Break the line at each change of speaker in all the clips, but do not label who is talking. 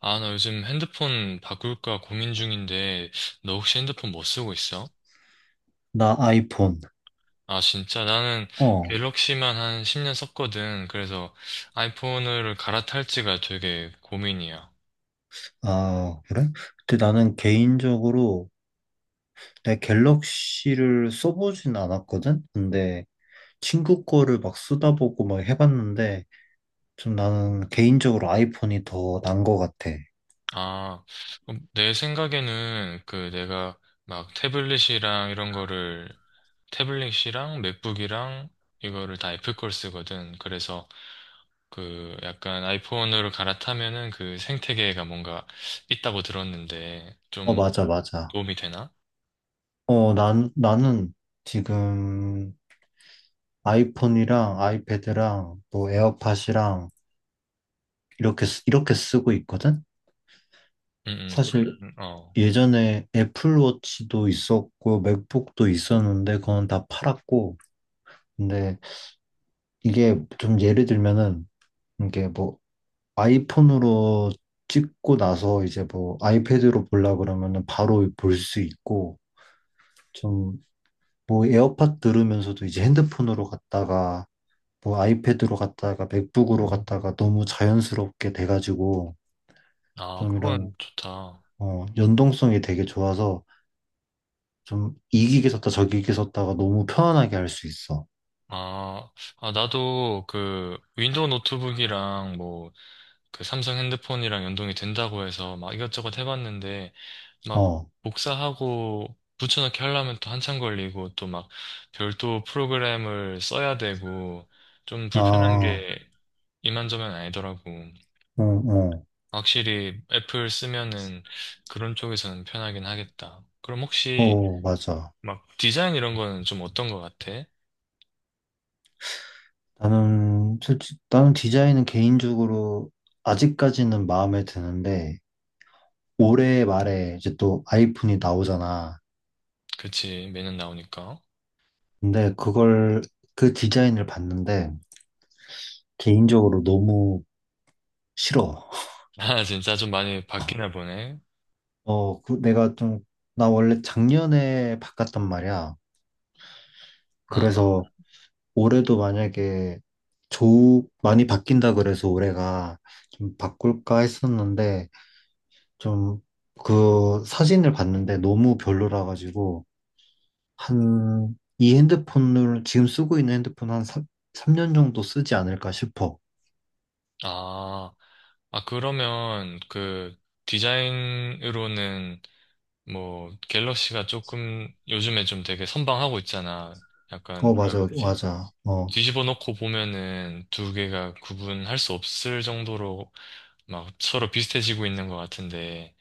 아, 나 요즘 핸드폰 바꿀까 고민 중인데, 너 혹시 핸드폰 뭐 쓰고 있어?
나 아이폰.
아, 진짜 나는
어.
갤럭시만 한 10년 썼거든. 그래서 아이폰을 갈아탈지가 되게 고민이야.
아, 그래? 근데 나는 개인적으로 내 갤럭시를 써보진 않았거든? 근데 친구 거를 막 쓰다 보고 막 해봤는데 좀 나는 개인적으로 아이폰이 더 난 것 같아.
아, 그럼 내 생각에는 그 내가 막 태블릿이랑 이런 거를, 태블릿이랑 맥북이랑 이거를 다 애플 걸 쓰거든. 그래서 그 약간 아이폰으로 갈아타면은 그 생태계가 뭔가 있다고 들었는데,
어, 맞아, 맞아.
도움이 되나?
어, 나는 지금 아이폰이랑 아이패드랑 또 에어팟이랑 이렇게 쓰고 있거든?
그러면,
사실
어.
예전에 애플워치도 있었고 맥북도 있었는데 그건 다 팔았고. 근데 이게 좀 예를 들면은 이게 뭐 아이폰으로 찍고 나서 이제 뭐 아이패드로 보려 그러면은 바로 볼 수 있고, 좀 뭐 에어팟 들으면서도 이제 핸드폰으로 갔다가 뭐 아이패드로 갔다가 맥북으로 갔다가 너무 자연스럽게 돼가지고,
아,
좀 이런
그건 좋다.
어 연동성이 되게 좋아서 좀 이기게 섰다 저기게 섰다가 너무 편안하게 할 수 있어.
아, 아, 나도 그 윈도우 노트북이랑 뭐 그 삼성 핸드폰이랑 연동이 된다고 해서 막 이것저것 해봤는데 막
어,
복사하고 붙여넣기 하려면 또 한참 걸리고 또 막 별도 프로그램을 써야 되고 좀 불편한
아,
게 이만저만 아니더라고.
어, 어,
확실히 애플 쓰면은 그런 쪽에서는 편하긴 하겠다. 그럼 혹시
어, 맞아.
막 디자인 이런 거는 좀 어떤 거 같아?
나는 솔직히 나는 디자인은 개인적으로 아직까지는 마음에 드는데 올해 말에 이제 또 아이폰이 나오잖아.
그치, 매년 나오니까.
근데 그걸 그 디자인을 봤는데 개인적으로 너무 싫어.
아, 진짜 좀 많이 바뀌나 보네.
어, 그 내가 좀 나 원래 작년에 바꿨단 말이야.
아,
그래서 올해도 만약에 조 많이 바뀐다 그래서 올해가 좀 바꿀까 했었는데 좀 그 사진을 봤는데 너무 별로라 가지고 한 이 핸드폰을 지금 쓰고 있는 핸드폰 한 3, 삼년 정도 쓰지 않을까 싶어.
아, 아, 그러면 그 디자인으로는 뭐 갤럭시가 조금 요즘에 좀 되게 선방하고 있잖아. 약간
어
뭐라 해야
맞아
되지?
맞아 어,
뒤집어 놓고 보면은 두 개가 구분할 수 없을 정도로 막 서로 비슷해지고 있는 것 같은데.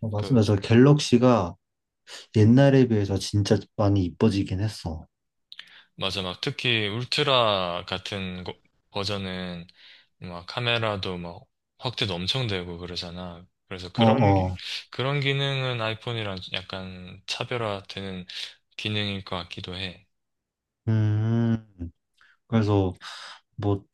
어 맞아
그
맞아 갤럭시가 옛날에 비해서 진짜 많이 이뻐지긴 했어.
맞아, 막 특히 울트라 같은 거- 버전은 막 카메라도 막 확대도 엄청 되고 그러잖아. 그래서
어 어.
그런 기능은 아이폰이랑 약간 차별화되는 기능일 것 같기도 해.
음, 그래서 뭐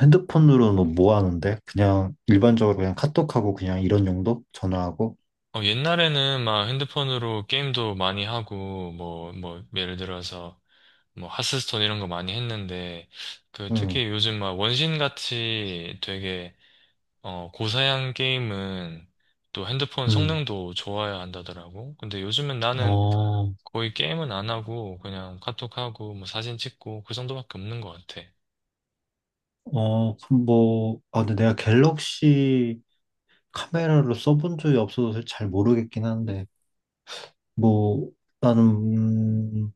핸드폰으로는 뭐뭐 하는데? 그냥 일반적으로 그냥 카톡하고 그냥 이런 용도? 전화하고?
어, 옛날에는 막 핸드폰으로 게임도 많이 하고 뭐 예를 들어서 뭐 하스스톤 이런 거 많이 했는데 그
응,
특히 요즘 막 원신 같이 되게 어, 고사양 게임은 또 핸드폰
응.
성능도 좋아야 한다더라고. 근데 요즘은 나는
어,
거의 게임은 안 하고 그냥 카톡하고 뭐 사진 찍고 그 정도밖에 없는 것 같아.
어, 그럼 뭐, 아, 근데 내가 갤럭시 카메라를 써본 적이 없어서 잘 모르겠긴 한데, 뭐, 나는, 음,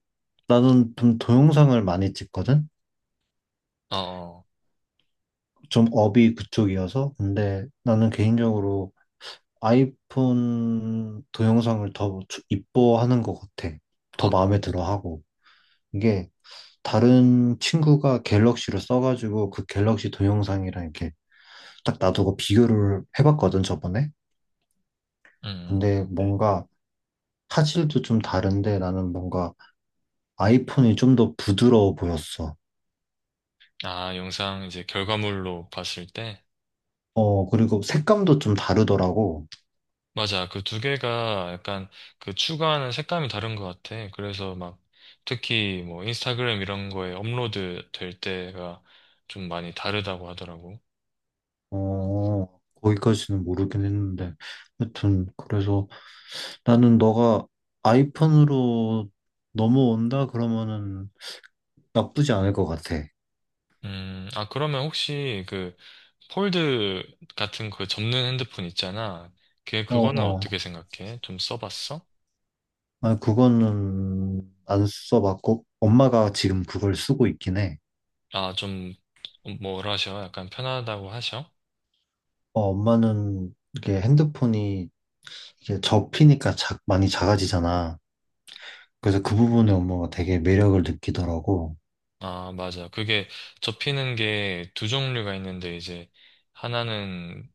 나는 좀 동영상을 많이 찍거든?
어,
좀 업이 그쪽이어서. 근데 나는 개인적으로 아이폰 동영상을 이뻐하는 것 같아.
어,
더
어,
마음에 들어 하고. 이게, 다른 친구가 갤럭시로 써가지고 그 갤럭시 동영상이랑 이렇게 딱 놔두고 비교를 해봤거든, 저번에.
음.
근데
네.
뭔가 화질도 좀 다른데 나는 뭔가 아이폰이 좀 더 부드러워 보였어.
아, 영상 이제 결과물로 봤을 때?
어, 그리고 색감도 좀 다르더라고.
맞아. 그 두 개가 약간 그 추구하는 색감이 다른 것 같아. 그래서 막 특히 뭐 인스타그램 이런 거에 업로드 될 때가 좀 많이 다르다고 하더라고.
어, 거기까지는 모르긴 했는데. 하여튼, 그래서 나는 너가 아이폰으로 넘어온다 그러면은 나쁘지 않을 것 같아.
아, 그러면 혹시 그 폴드 같은 그 접는 핸드폰 있잖아. 걔
어,
그거는
어.
어떻게 생각해? 좀 써봤어?
아, 그거는 안 써봤고, 엄마가 지금 그걸 쓰고 있긴 해.
아, 좀, 뭐라 하셔? 약간 편하다고 하셔?
어, 엄마는 이게 핸드폰이 이게 접히니까 많이 작아지잖아. 그래서 그 부분에 엄마가 되게 매력을 느끼더라고.
아, 맞아. 그게 접히는 게 두 종류가 있는데, 이제, 하나는,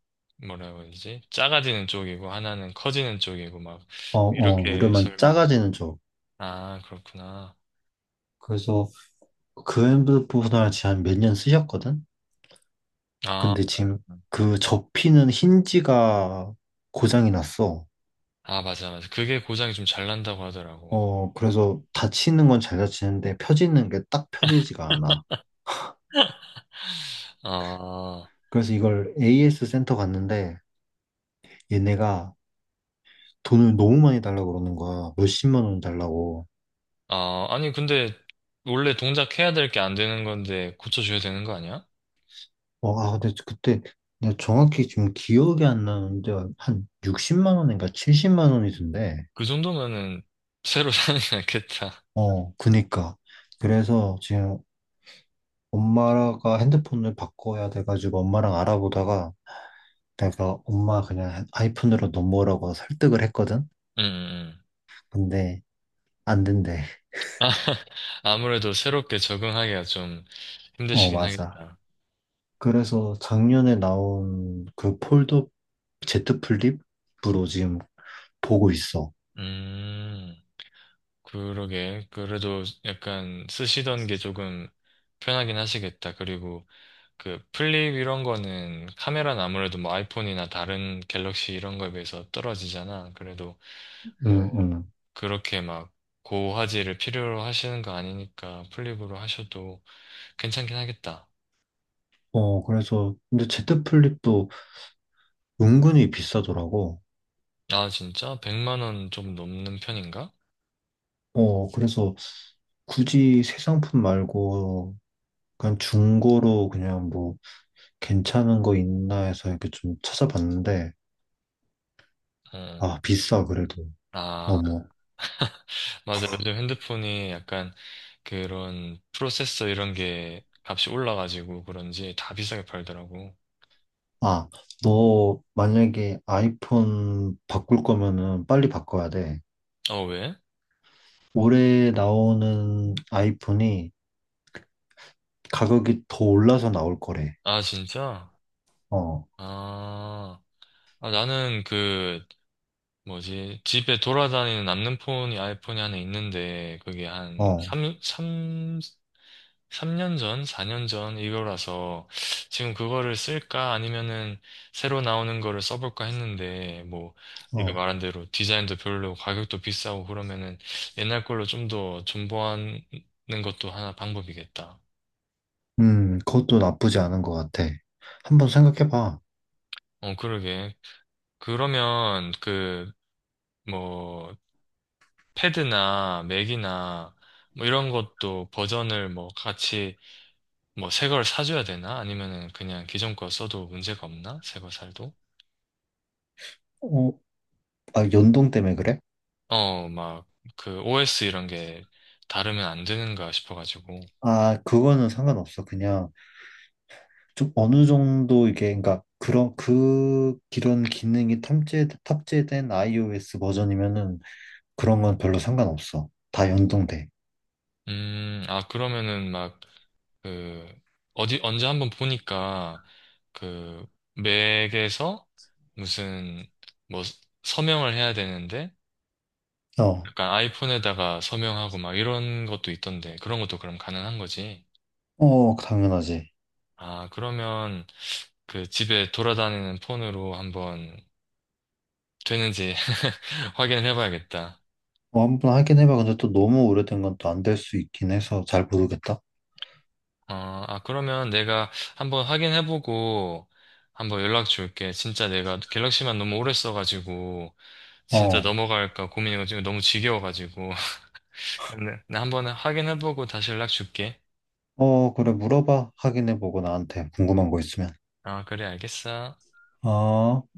뭐라고 그러지? 작아지는 쪽이고, 하나는 커지는 쪽이고, 막,
어, 어,
이렇게
우려만
설명.
작아지는 쪽.
아, 그렇구나.
그래서 그 핸드폰을 지금 한 몇 년 쓰셨거든?
아,
근데 지금 그 접히는 힌지가 고장이 났어.
아, 맞아, 맞아. 그게 고장이 좀 잘 난다고 하더라고.
어, 그래서 닫히는 건 잘 닫히는데 펴지는 게 딱 펴지지가 않아.
아.
그래서 이걸 AS 센터 갔는데 얘네가 돈을 너무 많이 달라고 그러는 거야. 몇십만 원 달라고.
아, 아니, 근데 원래 동작 해야 될 게 안 되는 건데 고쳐줘야 되는 거 아니야?
어, 아, 근데 그때 내가 정확히 지금 기억이 안 나는데 한 60 원인가 70
음.
원이던데.
그 정도면은 새로 사는 게 낫겠다.
어, 그니까. 그래서 지금 엄마가 핸드폰을 바꿔야 돼가지고 엄마랑 알아보다가 내가 엄마 그냥 아이폰으로 넘어오라고 설득을 했거든.
음.
근데 안 된대.
아무래도 새롭게 적응하기가 좀
어,
힘드시긴
맞아.
하겠다.
그래서 작년에 나온 그 폴더 제트 플립으로 지금 보고 있어.
음, 그러게. 그래도 약간 쓰시던 게 조금 편하긴 하시겠다. 그리고 그 플립 이런 거는 카메라는 아무래도 뭐 아이폰이나 다른 갤럭시 이런 거에 비해서 떨어지잖아. 그래도 뭐
응, 응.
그렇게 막 고화질을 필요로 하시는 거 아니니까 플립으로 하셔도 괜찮긴 하겠다.
어, 그래서, 근데 제트 플립도 은근히 비싸더라고.
아, 진짜? 100만 원 좀 넘는 편인가?
어, 그래서 굳이 새 상품 말고 그냥 중고로 그냥 뭐 괜찮은 거 있나 해서 이렇게 좀 찾아봤는데,
어.
아, 비싸, 그래도.
아,
너무.
맞아. 요즘 핸드폰이 약간 그런 프로세서 이런 게 값이 올라가지고 그런지 다 비싸게 팔더라고.
아, 너 만약에 아이폰 바꿀 거면은 빨리 바꿔야 돼.
어, 왜?
올해 나오는 아이폰이 가격이 더 올라서 나올 거래.
아, 진짜?
어,
아. 아, 나는 그, 뭐지, 집에 돌아다니는 남는 폰이 아이폰이 하나 있는데, 그게 한
어,
3, 삼삼 년 전, 4년 전 이거라서, 지금 그거를 쓸까 아니면은 새로 나오는 거를 써볼까 했는데, 뭐, 네가
어.
말한 대로 디자인도 별로 가격도 비싸고 그러면은 옛날 걸로 좀 더 존버하는 것도 하나 방법이겠다.
그것도 나쁘지 않은 것 같아. 한번 생각해봐.
어, 그러게. 그러면 그, 뭐, 패드나 맥이나 뭐 이런 것도 버전을 뭐 같이 뭐 새 걸 사줘야 되나? 아니면은 그냥 기존 거 써도 문제가 없나? 새 거 살도?
어, 아, 연동 때문에 그래?
어, 막 그 OS 이런 게 다르면 안 되는가 싶어가지고.
아, 그거는 상관없어. 그냥 좀 어느 정도 이게, 그러니까 그런 그 이런 기능이 탑재 탑재된 iOS 버전이면은 그런 건 별로 상관없어. 다 연동돼.
아, 그러면은 막 그 어디 언제 한번 보니까 그 맥에서 무슨 뭐 서명을 해야 되는데
어,
약간 아이폰에다가 서명하고 막 이런 것도 있던데 그런 것도 그럼 가능한 거지?
어, 당연하지.
아, 그러면 그 집에 돌아다니는 폰으로 한번 되는지 확인을 해봐야겠다.
어, 한번 확인해봐. 근데 또 너무 오래된 건 또 안 될 수 있긴 해서 잘 모르겠다.
어, 아, 그러면 내가 한번 확인해보고 한번 연락 줄게. 진짜 내가 갤럭시만 너무 오래 써가지고 진짜
어,
넘어갈까 고민이고 지금 너무 지겨워가지고. 근데 나 한번 확인해보고 다시 연락 줄게.
어, 그래, 물어봐. 확인해보고 나한테 궁금한 거 있으면.
아, 그래, 알겠어.
어.